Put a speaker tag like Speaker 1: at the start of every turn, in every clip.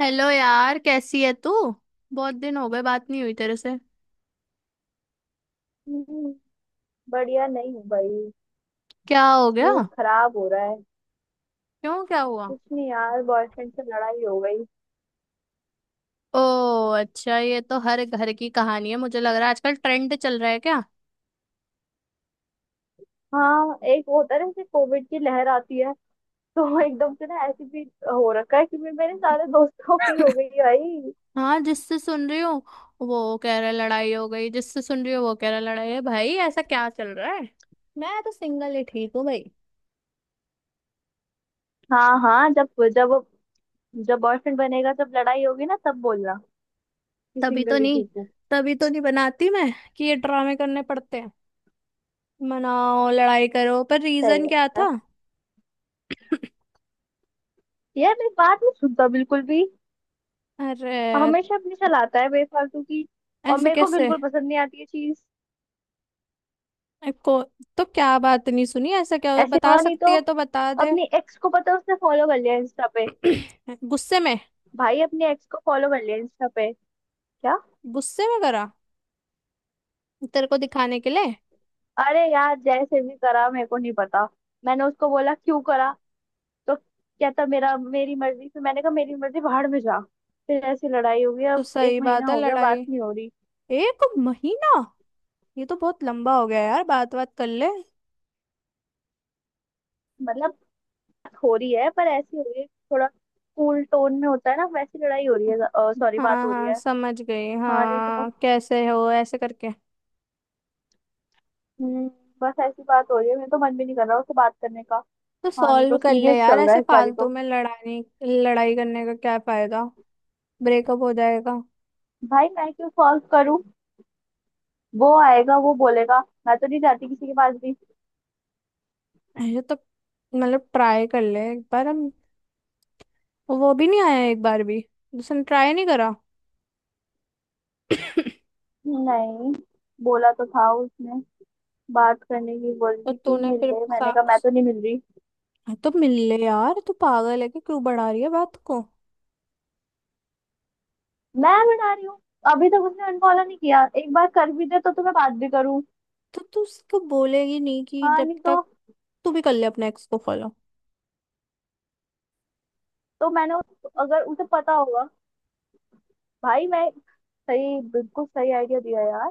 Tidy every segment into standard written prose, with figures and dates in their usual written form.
Speaker 1: Hello यार, कैसी है तू। बहुत दिन हो गए बात नहीं हुई तेरे से।
Speaker 2: हम्म, बढ़िया नहीं हूँ भाई।
Speaker 1: क्या हो गया।
Speaker 2: मूड खराब हो रहा है।
Speaker 1: क्यों, क्या हुआ।
Speaker 2: कुछ नहीं यार, बॉयफ्रेंड से लड़ाई हो गई।
Speaker 1: ओ, अच्छा ये तो हर घर की कहानी है, मुझे लग रहा है आजकल ट्रेंड चल रहा है क्या।
Speaker 2: हाँ, एक होता है ना, जैसे कोविड की लहर आती है, तो एकदम से ना ऐसे भी हो रखा है कि मेरे सारे दोस्तों की हो गई है भाई।
Speaker 1: हाँ, जिससे सुन रही हूँ वो कह रहा है लड़ाई हो गई, जिससे सुन रही हूँ वो कह रहा है लड़ाई है भाई, ऐसा क्या चल रहा है। मैं तो सिंगल ही ठीक हूँ भाई।
Speaker 2: हाँ हाँ, जब जब जब बॉयफ्रेंड बनेगा, जब लड़ाई होगी ना, तब बोलना कि
Speaker 1: तभी तो
Speaker 2: सिंगल ही
Speaker 1: नहीं
Speaker 2: ठीक हूँ।
Speaker 1: तभी तो नहीं बनाती मैं कि ये ड्रामे करने पड़ते हैं। मनाओ, लड़ाई करो, पर
Speaker 2: सही
Speaker 1: रीजन
Speaker 2: बात
Speaker 1: क्या
Speaker 2: है।
Speaker 1: था।
Speaker 2: यार मेरी बात नहीं सुनता बिल्कुल भी,
Speaker 1: अरे,
Speaker 2: हमेशा अपनी चलाता है बेफालतू की, और
Speaker 1: ऐसे
Speaker 2: मेरे को
Speaker 1: कैसे।
Speaker 2: बिल्कुल पसंद नहीं आती ये चीज।
Speaker 1: अरे को, तो क्या बात नहीं सुनी? ऐसा क्या हुआ?
Speaker 2: ऐसे
Speaker 1: बता
Speaker 2: हाँ नहीं
Speaker 1: सकती
Speaker 2: तो,
Speaker 1: है तो बता दे।
Speaker 2: अपनी एक्स को पता है उसने फॉलो कर लिया इंस्टा पे।
Speaker 1: गुस्से में।
Speaker 2: भाई अपने एक्स को फॉलो कर लिया इंस्टा पे क्या।
Speaker 1: गुस्से में करा, तेरे को दिखाने के लिए।
Speaker 2: अरे यार जैसे भी करा मेरे को नहीं पता। मैंने उसको बोला क्यों करा, तो कहता मेरा मेरी मर्जी, फिर मैंने कहा मेरी मर्जी बाहर में जा। फिर ऐसी लड़ाई हो गई,
Speaker 1: तो
Speaker 2: अब एक
Speaker 1: सही
Speaker 2: महीना
Speaker 1: बात है
Speaker 2: हो गया बात
Speaker 1: लड़ाई।
Speaker 2: नहीं हो रही।
Speaker 1: एक महीना, ये तो बहुत लंबा हो गया यार, बात बात कर ले।
Speaker 2: मतलब, बात हो रही है पर ऐसी हो रही है थोड़ा, कूल टोन में होता है ना वैसी, लड़ाई हो रही है, सॉरी
Speaker 1: हाँ
Speaker 2: बात हो रही
Speaker 1: हाँ,
Speaker 2: है।
Speaker 1: समझ गई,
Speaker 2: हाँ नहीं
Speaker 1: हाँ
Speaker 2: तो।
Speaker 1: कैसे हो ऐसे करके।
Speaker 2: हम्म बस ऐसी बात हो रही है, मेरे तो मन भी नहीं कर रहा उससे बात करने का।
Speaker 1: तो
Speaker 2: हाँ नहीं
Speaker 1: सॉल्व
Speaker 2: तो,
Speaker 1: कर ले
Speaker 2: सीरियस
Speaker 1: यार,
Speaker 2: चल रहा
Speaker 1: ऐसे
Speaker 2: है इस बारी
Speaker 1: फालतू
Speaker 2: तो।
Speaker 1: में लड़ाने। लड़ाई करने का क्या फायदा, ब्रेकअप हो जाएगा।
Speaker 2: भाई मैं क्यों सॉल्व करूं, वो आएगा वो बोलेगा, मैं तो नहीं जाती किसी के पास भी।
Speaker 1: ये तो मतलब ट्राई कर ले एक बार। हम, वो भी नहीं आया एक बार भी, उसने ट्राई नहीं करा।
Speaker 2: नहीं, बोला तो था उसने, बात करने की बोली
Speaker 1: तो
Speaker 2: थी कि
Speaker 1: तूने
Speaker 2: मिल
Speaker 1: फिर
Speaker 2: ले, मैंने
Speaker 1: सा...
Speaker 2: कहा मैं तो नहीं मिल रही।
Speaker 1: हाँ, तो मिल ले यार, तू पागल है कि क्यों बढ़ा रही है बात को।
Speaker 2: मैं बना रही हूँ, अभी तक उसने अनफॉलो नहीं किया, एक बार कर भी दे तो तुम्हें बात भी करूँ।
Speaker 1: तो तू उसको बोलेगी नहीं कि
Speaker 2: हाँ
Speaker 1: जब
Speaker 2: नहीं
Speaker 1: तक।
Speaker 2: तो,
Speaker 1: तू भी कर ले अपने एक्स को फॉलो।
Speaker 2: तो मैंने अगर उसे पता होगा, भाई मैं, सही बिल्कुल सही आइडिया दिया यार।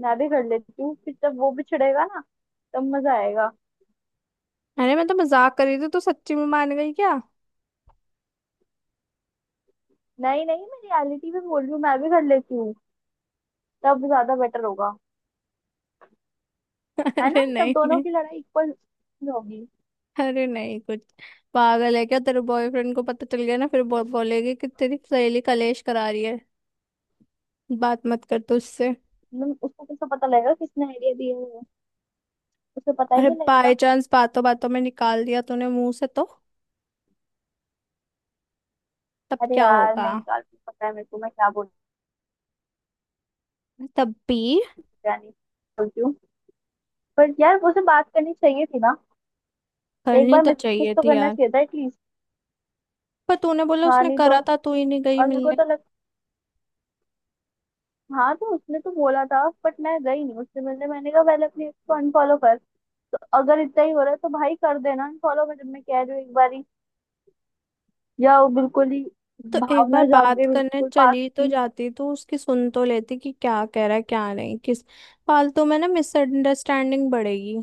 Speaker 2: मैं भी कर लेती हूँ, फिर जब वो भी छिड़ेगा ना तब मजा आएगा।
Speaker 1: अरे मैं तो मजाक कर रही थी, तू सच्ची में मान गई क्या।
Speaker 2: नहीं नहीं, मैं रियलिटी में बोल रही हूँ, मैं भी कर लेती हूँ, तब ज्यादा बेटर होगा। है ना,
Speaker 1: अरे
Speaker 2: तब
Speaker 1: नहीं
Speaker 2: दोनों
Speaker 1: नहीं।
Speaker 2: की लड़ाई इक्वल होगी।
Speaker 1: अरे नहीं कुछ, पागल है क्या, तेरे बॉयफ्रेंड को पता चल गया ना फिर बोलेगी कि तेरी सहेली कलेश करा रही है, बात मत कर तू उससे।
Speaker 2: मतलब उसको कैसे पता लगेगा किसने आइडिया दिए है, उसे पता ही
Speaker 1: अरे
Speaker 2: नहीं
Speaker 1: बाय
Speaker 2: लगेगा।
Speaker 1: चांस बातों बातों में निकाल दिया तूने मुंह से तो तब
Speaker 2: अरे
Speaker 1: क्या
Speaker 2: यार
Speaker 1: होगा।
Speaker 2: नहीं, निकाल के पता है मेरे को मैं क्या बोल
Speaker 1: तब भी
Speaker 2: क्या नहीं बोलती हूँ। पर यार उसे बात करनी चाहिए थी ना, एक
Speaker 1: करनी
Speaker 2: बार
Speaker 1: तो
Speaker 2: मैसेज
Speaker 1: चाहिए
Speaker 2: तो
Speaker 1: थी
Speaker 2: करना
Speaker 1: यार।
Speaker 2: चाहिए था एटलीस्ट।
Speaker 1: पर तूने बोला
Speaker 2: हाँ
Speaker 1: उसने
Speaker 2: नहीं तो,
Speaker 1: करा था, तू ही नहीं गई
Speaker 2: और मेरे को तो
Speaker 1: मिलने।
Speaker 2: लग, हाँ तो उसने तो बोला था बट मैं गई नहीं उससे मिलने, मैंने कहा पहले अपने ex को अनफॉलो कर। तो अगर इतना ही हो रहा है तो भाई कर देना अनफॉलो, मैं जब मैं कह रही हूँ एक बारी, या वो बिल्कुल ही
Speaker 1: तो एक बार
Speaker 2: भावना जाग
Speaker 1: बात
Speaker 2: गई
Speaker 1: करने
Speaker 2: बिल्कुल पास
Speaker 1: चली तो
Speaker 2: की।
Speaker 1: जाती, तो उसकी सुन तो लेती कि क्या कह रहा है क्या नहीं। किस फालतू में ना मिसअंडरस्टैंडिंग बढ़ेगी।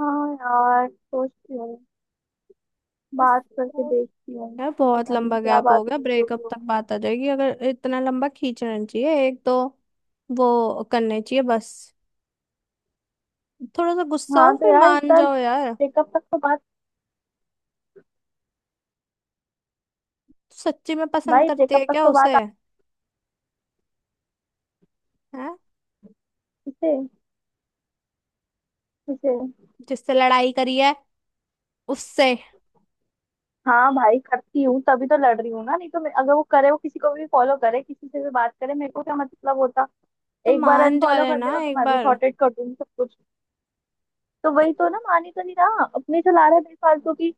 Speaker 2: हाँ यार, सोचती हूँ,
Speaker 1: बस,
Speaker 2: बात करके
Speaker 1: तो
Speaker 2: देखती हूँ।
Speaker 1: यार बहुत
Speaker 2: पता नहीं
Speaker 1: लंबा
Speaker 2: क्या
Speaker 1: गैप हो
Speaker 2: बात
Speaker 1: गया,
Speaker 2: होगी, जो भी
Speaker 1: ब्रेकअप तक
Speaker 2: होगी।
Speaker 1: बात आ जाएगी अगर, इतना लंबा खींचना नहीं चाहिए एक तो। वो करने चाहिए बस, थोड़ा सा गुस्सा हो
Speaker 2: हाँ तो
Speaker 1: फिर
Speaker 2: यार,
Speaker 1: मान
Speaker 2: इतना
Speaker 1: जाओ यार।
Speaker 2: ब्रेकअप तक तो बात,
Speaker 1: सच्ची में पसंद
Speaker 2: भाई
Speaker 1: करती है
Speaker 2: ब्रेकअप तक
Speaker 1: क्या
Speaker 2: तो बात
Speaker 1: उसे। है,
Speaker 2: आती से। किसे?
Speaker 1: जिससे लड़ाई करी है उससे।
Speaker 2: हाँ भाई करती हूँ, तभी तो लड़ रही हूँ ना, नहीं तो मैं, अगर वो करे वो किसी को भी फॉलो करे किसी से भी बात करे, मेरे को क्या मतलब होता।
Speaker 1: तो
Speaker 2: एक बार
Speaker 1: मान जा
Speaker 2: अनफॉलो
Speaker 1: रहे
Speaker 2: कर
Speaker 1: ना
Speaker 2: देगा तो
Speaker 1: एक
Speaker 2: मैं भी
Speaker 1: बार।
Speaker 2: सॉर्टेड कर दूंगी सब कुछ। तो
Speaker 1: त-
Speaker 2: वही तो ना, मान ही तो नहीं रहा, अपने चला रहा है बेफालतू की।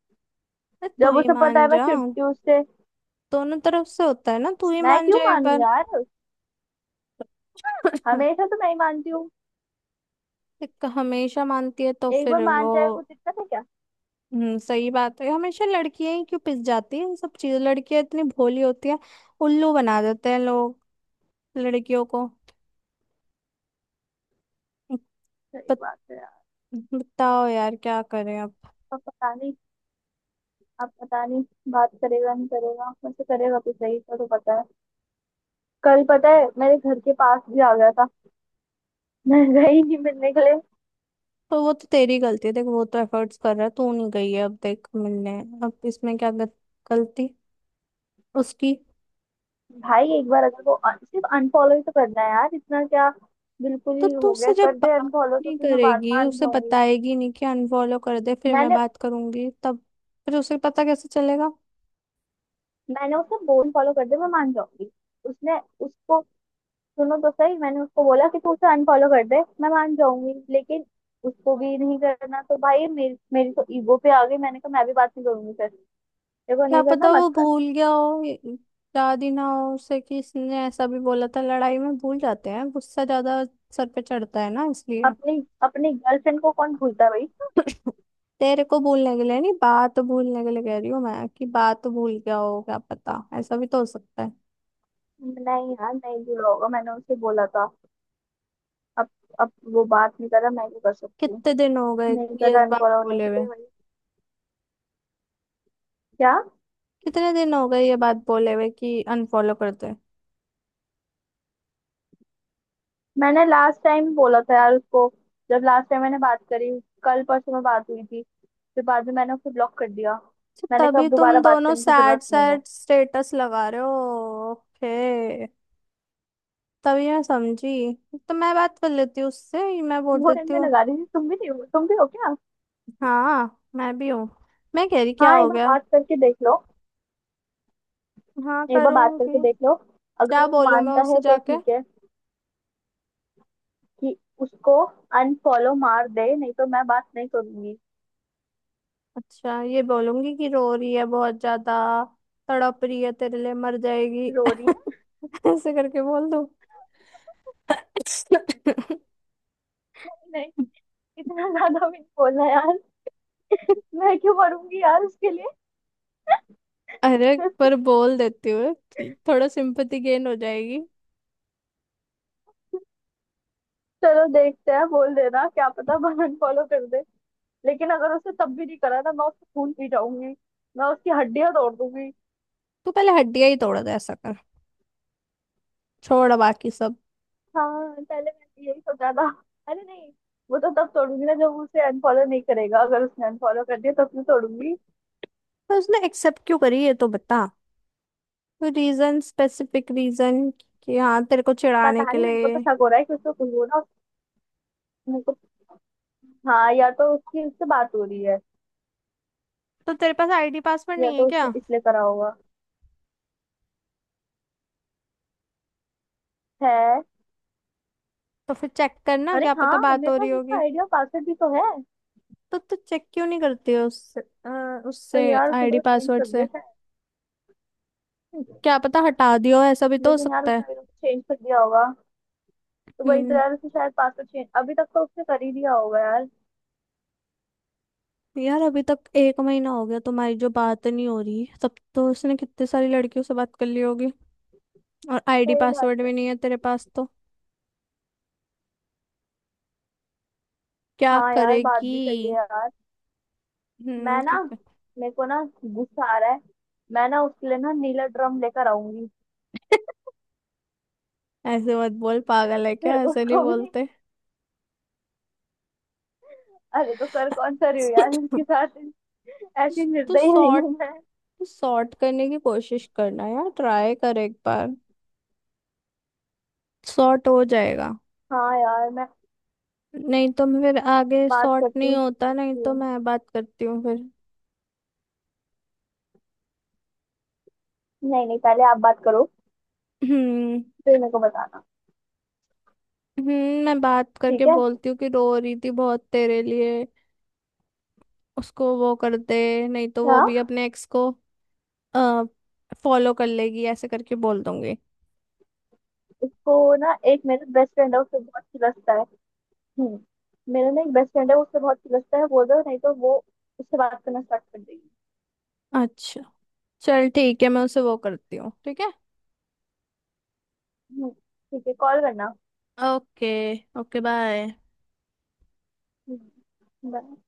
Speaker 1: अरे तू
Speaker 2: जब
Speaker 1: ही
Speaker 2: उसे पता
Speaker 1: मान
Speaker 2: है मैं
Speaker 1: जा,
Speaker 2: चिढ़ती हूँ उससे।
Speaker 1: दोनों तरफ से होता है ना, तू ही
Speaker 2: मैं
Speaker 1: मान
Speaker 2: क्यों
Speaker 1: जा एक
Speaker 2: मानू
Speaker 1: बार।
Speaker 2: यार, हमेशा तो मैं ही मानती हूँ,
Speaker 1: एक हमेशा मानती है तो
Speaker 2: एक बार
Speaker 1: फिर
Speaker 2: मान
Speaker 1: वो।
Speaker 2: जाए कुछ दिक्कत है क्या।
Speaker 1: सही बात है, हमेशा लड़कियां ही क्यों पिस जाती है, सब चीज लड़कियां इतनी भोली होती है, उल्लू बना देते हैं लोग लड़कियों को।
Speaker 2: सही
Speaker 1: बत-
Speaker 2: बात है। यार
Speaker 1: बताओ यार क्या करें अब।
Speaker 2: अब पता नहीं, अब पता नहीं, बात करेगा नहीं करेगा, वैसे करेगा तो सही, इसका तो पता है। कल पता है मेरे घर के पास भी आ गया था मैं गई नहीं मिलने के लिए।
Speaker 1: तो वो तो तेरी गलती है, देख वो तो एफर्ट्स कर रहा है, तू नहीं गई है अब देख मिलने। अब इसमें क्या गलती उसकी।
Speaker 2: भाई एक बार अगर वो सिर्फ अनफॉलो ही तो करना है यार, इतना क्या बिल्कुल
Speaker 1: तो
Speaker 2: ही
Speaker 1: तू
Speaker 2: हो
Speaker 1: उससे
Speaker 2: गया,
Speaker 1: जब
Speaker 2: कर दे
Speaker 1: बात
Speaker 2: अनफॉलो तो
Speaker 1: नहीं
Speaker 2: फिर मैं बात
Speaker 1: करेगी,
Speaker 2: मान
Speaker 1: उसे
Speaker 2: जाऊंगी।
Speaker 1: बताएगी नहीं कि अनफॉलो कर दे फिर मैं
Speaker 2: मैंने
Speaker 1: बात करूंगी, तब फिर उसे पता कैसे चलेगा।
Speaker 2: मैंने उसको बोल फॉलो कर दे मैं मान जाऊंगी। उसने, उसको, सुनो तो सही, मैंने उसको बोला कि तू उसे अनफॉलो कर दे मैं मान जाऊंगी, लेकिन उसको भी नहीं करना, तो भाई मेरी मेरी तो ईगो पे आ गई, मैंने कहा मैं भी बात नहीं करूंगी फिर, देखो
Speaker 1: क्या
Speaker 2: नहीं करना
Speaker 1: पता
Speaker 2: मत
Speaker 1: वो
Speaker 2: कर।
Speaker 1: भूल गया हो, याद ही ना हो उसे कि इसने ऐसा भी बोला था, लड़ाई में भूल जाते हैं, गुस्सा ज्यादा सर पे चढ़ता है ना इसलिए।
Speaker 2: अपनी अपनी गर्लफ्रेंड को कौन भूलता है भाई।
Speaker 1: तेरे को भूलने के लिए नहीं, बात भूलने के लिए कह रही हूँ मैं, कि बात भूल गया हो क्या पता, ऐसा भी तो हो सकता है।
Speaker 2: नहीं यार, नहीं भूला होगा, मैंने उसे बोला था। अब अब वो बात नहीं कर रहा, मैं भी कर सकती हूँ।
Speaker 1: कितने दिन हो गए
Speaker 2: नहीं कर
Speaker 1: ये इस
Speaker 2: रहा
Speaker 1: बात
Speaker 2: अनफॉलो, नहीं
Speaker 1: बोले हुए।
Speaker 2: करे भाई। क्या?
Speaker 1: कितने दिन हो गए ये बात बोले हुए कि अनफॉलो कर दे।
Speaker 2: मैंने लास्ट टाइम बोला था यार उसको, जब लास्ट टाइम मैंने बात करी, कल परसों में बात हुई थी, फिर बाद में मैंने उसको ब्लॉक कर दिया।
Speaker 1: अच्छा,
Speaker 2: मैंने कहा
Speaker 1: तभी
Speaker 2: अब
Speaker 1: तुम
Speaker 2: दोबारा बात
Speaker 1: दोनों
Speaker 2: करने की
Speaker 1: सैड
Speaker 2: जरूरत नहीं है।
Speaker 1: सैड स्टेटस लगा रहे हो। ओके, तभी मैं समझी। तो मैं बात कर लेती हूँ उससे, मैं बोल
Speaker 2: वो टाइम
Speaker 1: देती
Speaker 2: में
Speaker 1: हूँ।
Speaker 2: लगा रही थी, तुम भी नहीं हो, तुम भी हो क्या।
Speaker 1: हाँ, मैं भी हूँ। मैं कह रही क्या
Speaker 2: हाँ एक
Speaker 1: हो
Speaker 2: बार
Speaker 1: गया।
Speaker 2: बात करके देख लो,
Speaker 1: हाँ
Speaker 2: एक बार बात
Speaker 1: करूँगी।
Speaker 2: करके देख लो, अगर
Speaker 1: क्या
Speaker 2: वो
Speaker 1: बोलूँ मैं
Speaker 2: मानता
Speaker 1: उससे
Speaker 2: है तो
Speaker 1: जाके।
Speaker 2: ठीक है। कि उसको अनफॉलो मार दे, नहीं तो मैं बात नहीं करूंगी।
Speaker 1: अच्छा, ये बोलूंगी कि रो रही है बहुत ज्यादा, तड़प रही है तेरे लिए, मर जाएगी।
Speaker 2: रो रही है?
Speaker 1: ऐसे करके बोल दूँ।
Speaker 2: नहीं, इतना ज्यादा भी नहीं बोलना यार, मैं क्यों मरूंगी यार उसके
Speaker 1: अरे
Speaker 2: लिए।
Speaker 1: पर बोल देती हूँ, थोड़ा सिंपैथी गेन हो जाएगी।
Speaker 2: चलो देखते हैं, बोल देना, क्या पता बहन फॉलो कर दे। लेकिन अगर उसने तब भी नहीं करा ना, मैं उसको खून पी जाऊंगी, मैं उसकी हड्डियां तोड़ दूंगी।
Speaker 1: तू पहले हड्डियां ही तोड़ दे, ऐसा कर, छोड़ बाकी सब।
Speaker 2: हाँ पहले मैंने यही सोचा था। अरे नहीं, वो तो तब तोड़ूंगी ना जब वो उसे अनफॉलो नहीं करेगा, अगर उसने अनफॉलो कर दिया तब मैं तोड़ूंगी।
Speaker 1: पर उसने एक्सेप्ट क्यों करी है तो बता, कोई रीजन, स्पेसिफिक रीजन, कि हाँ तेरे को चिढ़ाने
Speaker 2: पता
Speaker 1: के
Speaker 2: नहीं, मेरे को
Speaker 1: लिए।
Speaker 2: तो शक हो रहा है कि उसको कुछ बोला मेरे को। हाँ, या तो उसकी उससे बात हो रही है,
Speaker 1: तो तेरे पास आईडी पासवर्ड
Speaker 2: या
Speaker 1: नहीं है
Speaker 2: तो उसने
Speaker 1: क्या।
Speaker 2: इसलिए करा होगा। है।
Speaker 1: तो फिर चेक करना,
Speaker 2: अरे
Speaker 1: क्या पता
Speaker 2: हाँ,
Speaker 1: बात
Speaker 2: मेरे
Speaker 1: हो रही
Speaker 2: पास उसका
Speaker 1: होगी।
Speaker 2: आइडिया पासवर्ड भी तो है।
Speaker 1: तो तू चेक क्यों नहीं करती है उससे। उससे
Speaker 2: पर यार उसने
Speaker 1: आईडी
Speaker 2: तो चेंज
Speaker 1: पासवर्ड
Speaker 2: कर
Speaker 1: से
Speaker 2: दिया शायद।
Speaker 1: क्या पता हटा दियो, ऐसा भी तो हो
Speaker 2: लेकिन यार
Speaker 1: सकता है।
Speaker 2: उसने मेरे को चेंज कर दिया होगा, तो वही तो
Speaker 1: हम्म।
Speaker 2: यार, उसने शायद पासवर्ड चेंज अभी तक तो उसने कर ही दिया होगा यार।
Speaker 1: यार अभी तक एक महीना हो गया तुम्हारी जो बात नहीं हो रही, तब तो उसने कितने सारी लड़कियों से बात कर ली होगी, और आईडी
Speaker 2: सही बात
Speaker 1: पासवर्ड
Speaker 2: है।
Speaker 1: भी नहीं है तेरे पास तो क्या
Speaker 2: हाँ यार बात
Speaker 1: करेगी।
Speaker 2: भी सही है यार।
Speaker 1: हम्म
Speaker 2: मैं
Speaker 1: कि-
Speaker 2: ना, मेरे को ना गुस्सा आ रहा है, मैं ना उसके लिए ना नीला ड्रम लेकर आऊंगी,
Speaker 1: ऐसे मत बोल, पागल है
Speaker 2: फिर
Speaker 1: क्या, ऐसे नहीं
Speaker 2: उसको भी
Speaker 1: बोलते।
Speaker 2: अरे तो कर कौन सा रही हूँ यार उसके साथ, ऐसी
Speaker 1: तू
Speaker 2: निर्दयी नहीं
Speaker 1: सॉर्ट
Speaker 2: हूँ मैं।
Speaker 1: सॉर्ट करने की कोशिश करना यार, ट्राई कर एक बार, सॉर्ट हो जाएगा।
Speaker 2: हाँ यार, मैं
Speaker 1: नहीं तो मैं फिर, आगे
Speaker 2: बात
Speaker 1: सॉर्ट
Speaker 2: करती
Speaker 1: नहीं
Speaker 2: हूँ
Speaker 1: होता नहीं
Speaker 2: उससे।
Speaker 1: तो मैं बात करती हूँ फिर।
Speaker 2: नहीं नहीं, पहले आप बात करो,
Speaker 1: हम्म।
Speaker 2: फिर मेरे को बताना।
Speaker 1: मैं बात करके
Speaker 2: ठीक है।
Speaker 1: बोलती हूँ कि रो रही थी बहुत तेरे लिए, उसको वो कर दे नहीं तो वो भी
Speaker 2: हाँ,
Speaker 1: अपने एक्स को फॉलो कर लेगी, ऐसे करके बोल दूंगी।
Speaker 2: उसको ना, एक मेरा बेस्ट फ्रेंड है उससे बहुत खिलस्ता है। हम्म, मेरा ना एक बेस्ट फ्रेंड है उससे बहुत खिलस्ता है, बोल दो, नहीं तो वो उससे बात करना स्टार्ट कर देगी।
Speaker 1: अच्छा चल ठीक है, मैं उसे वो करती हूँ, ठीक है।
Speaker 2: ठीक है, कॉल करना।
Speaker 1: ओके। Okay bye.
Speaker 2: हम्म, bye.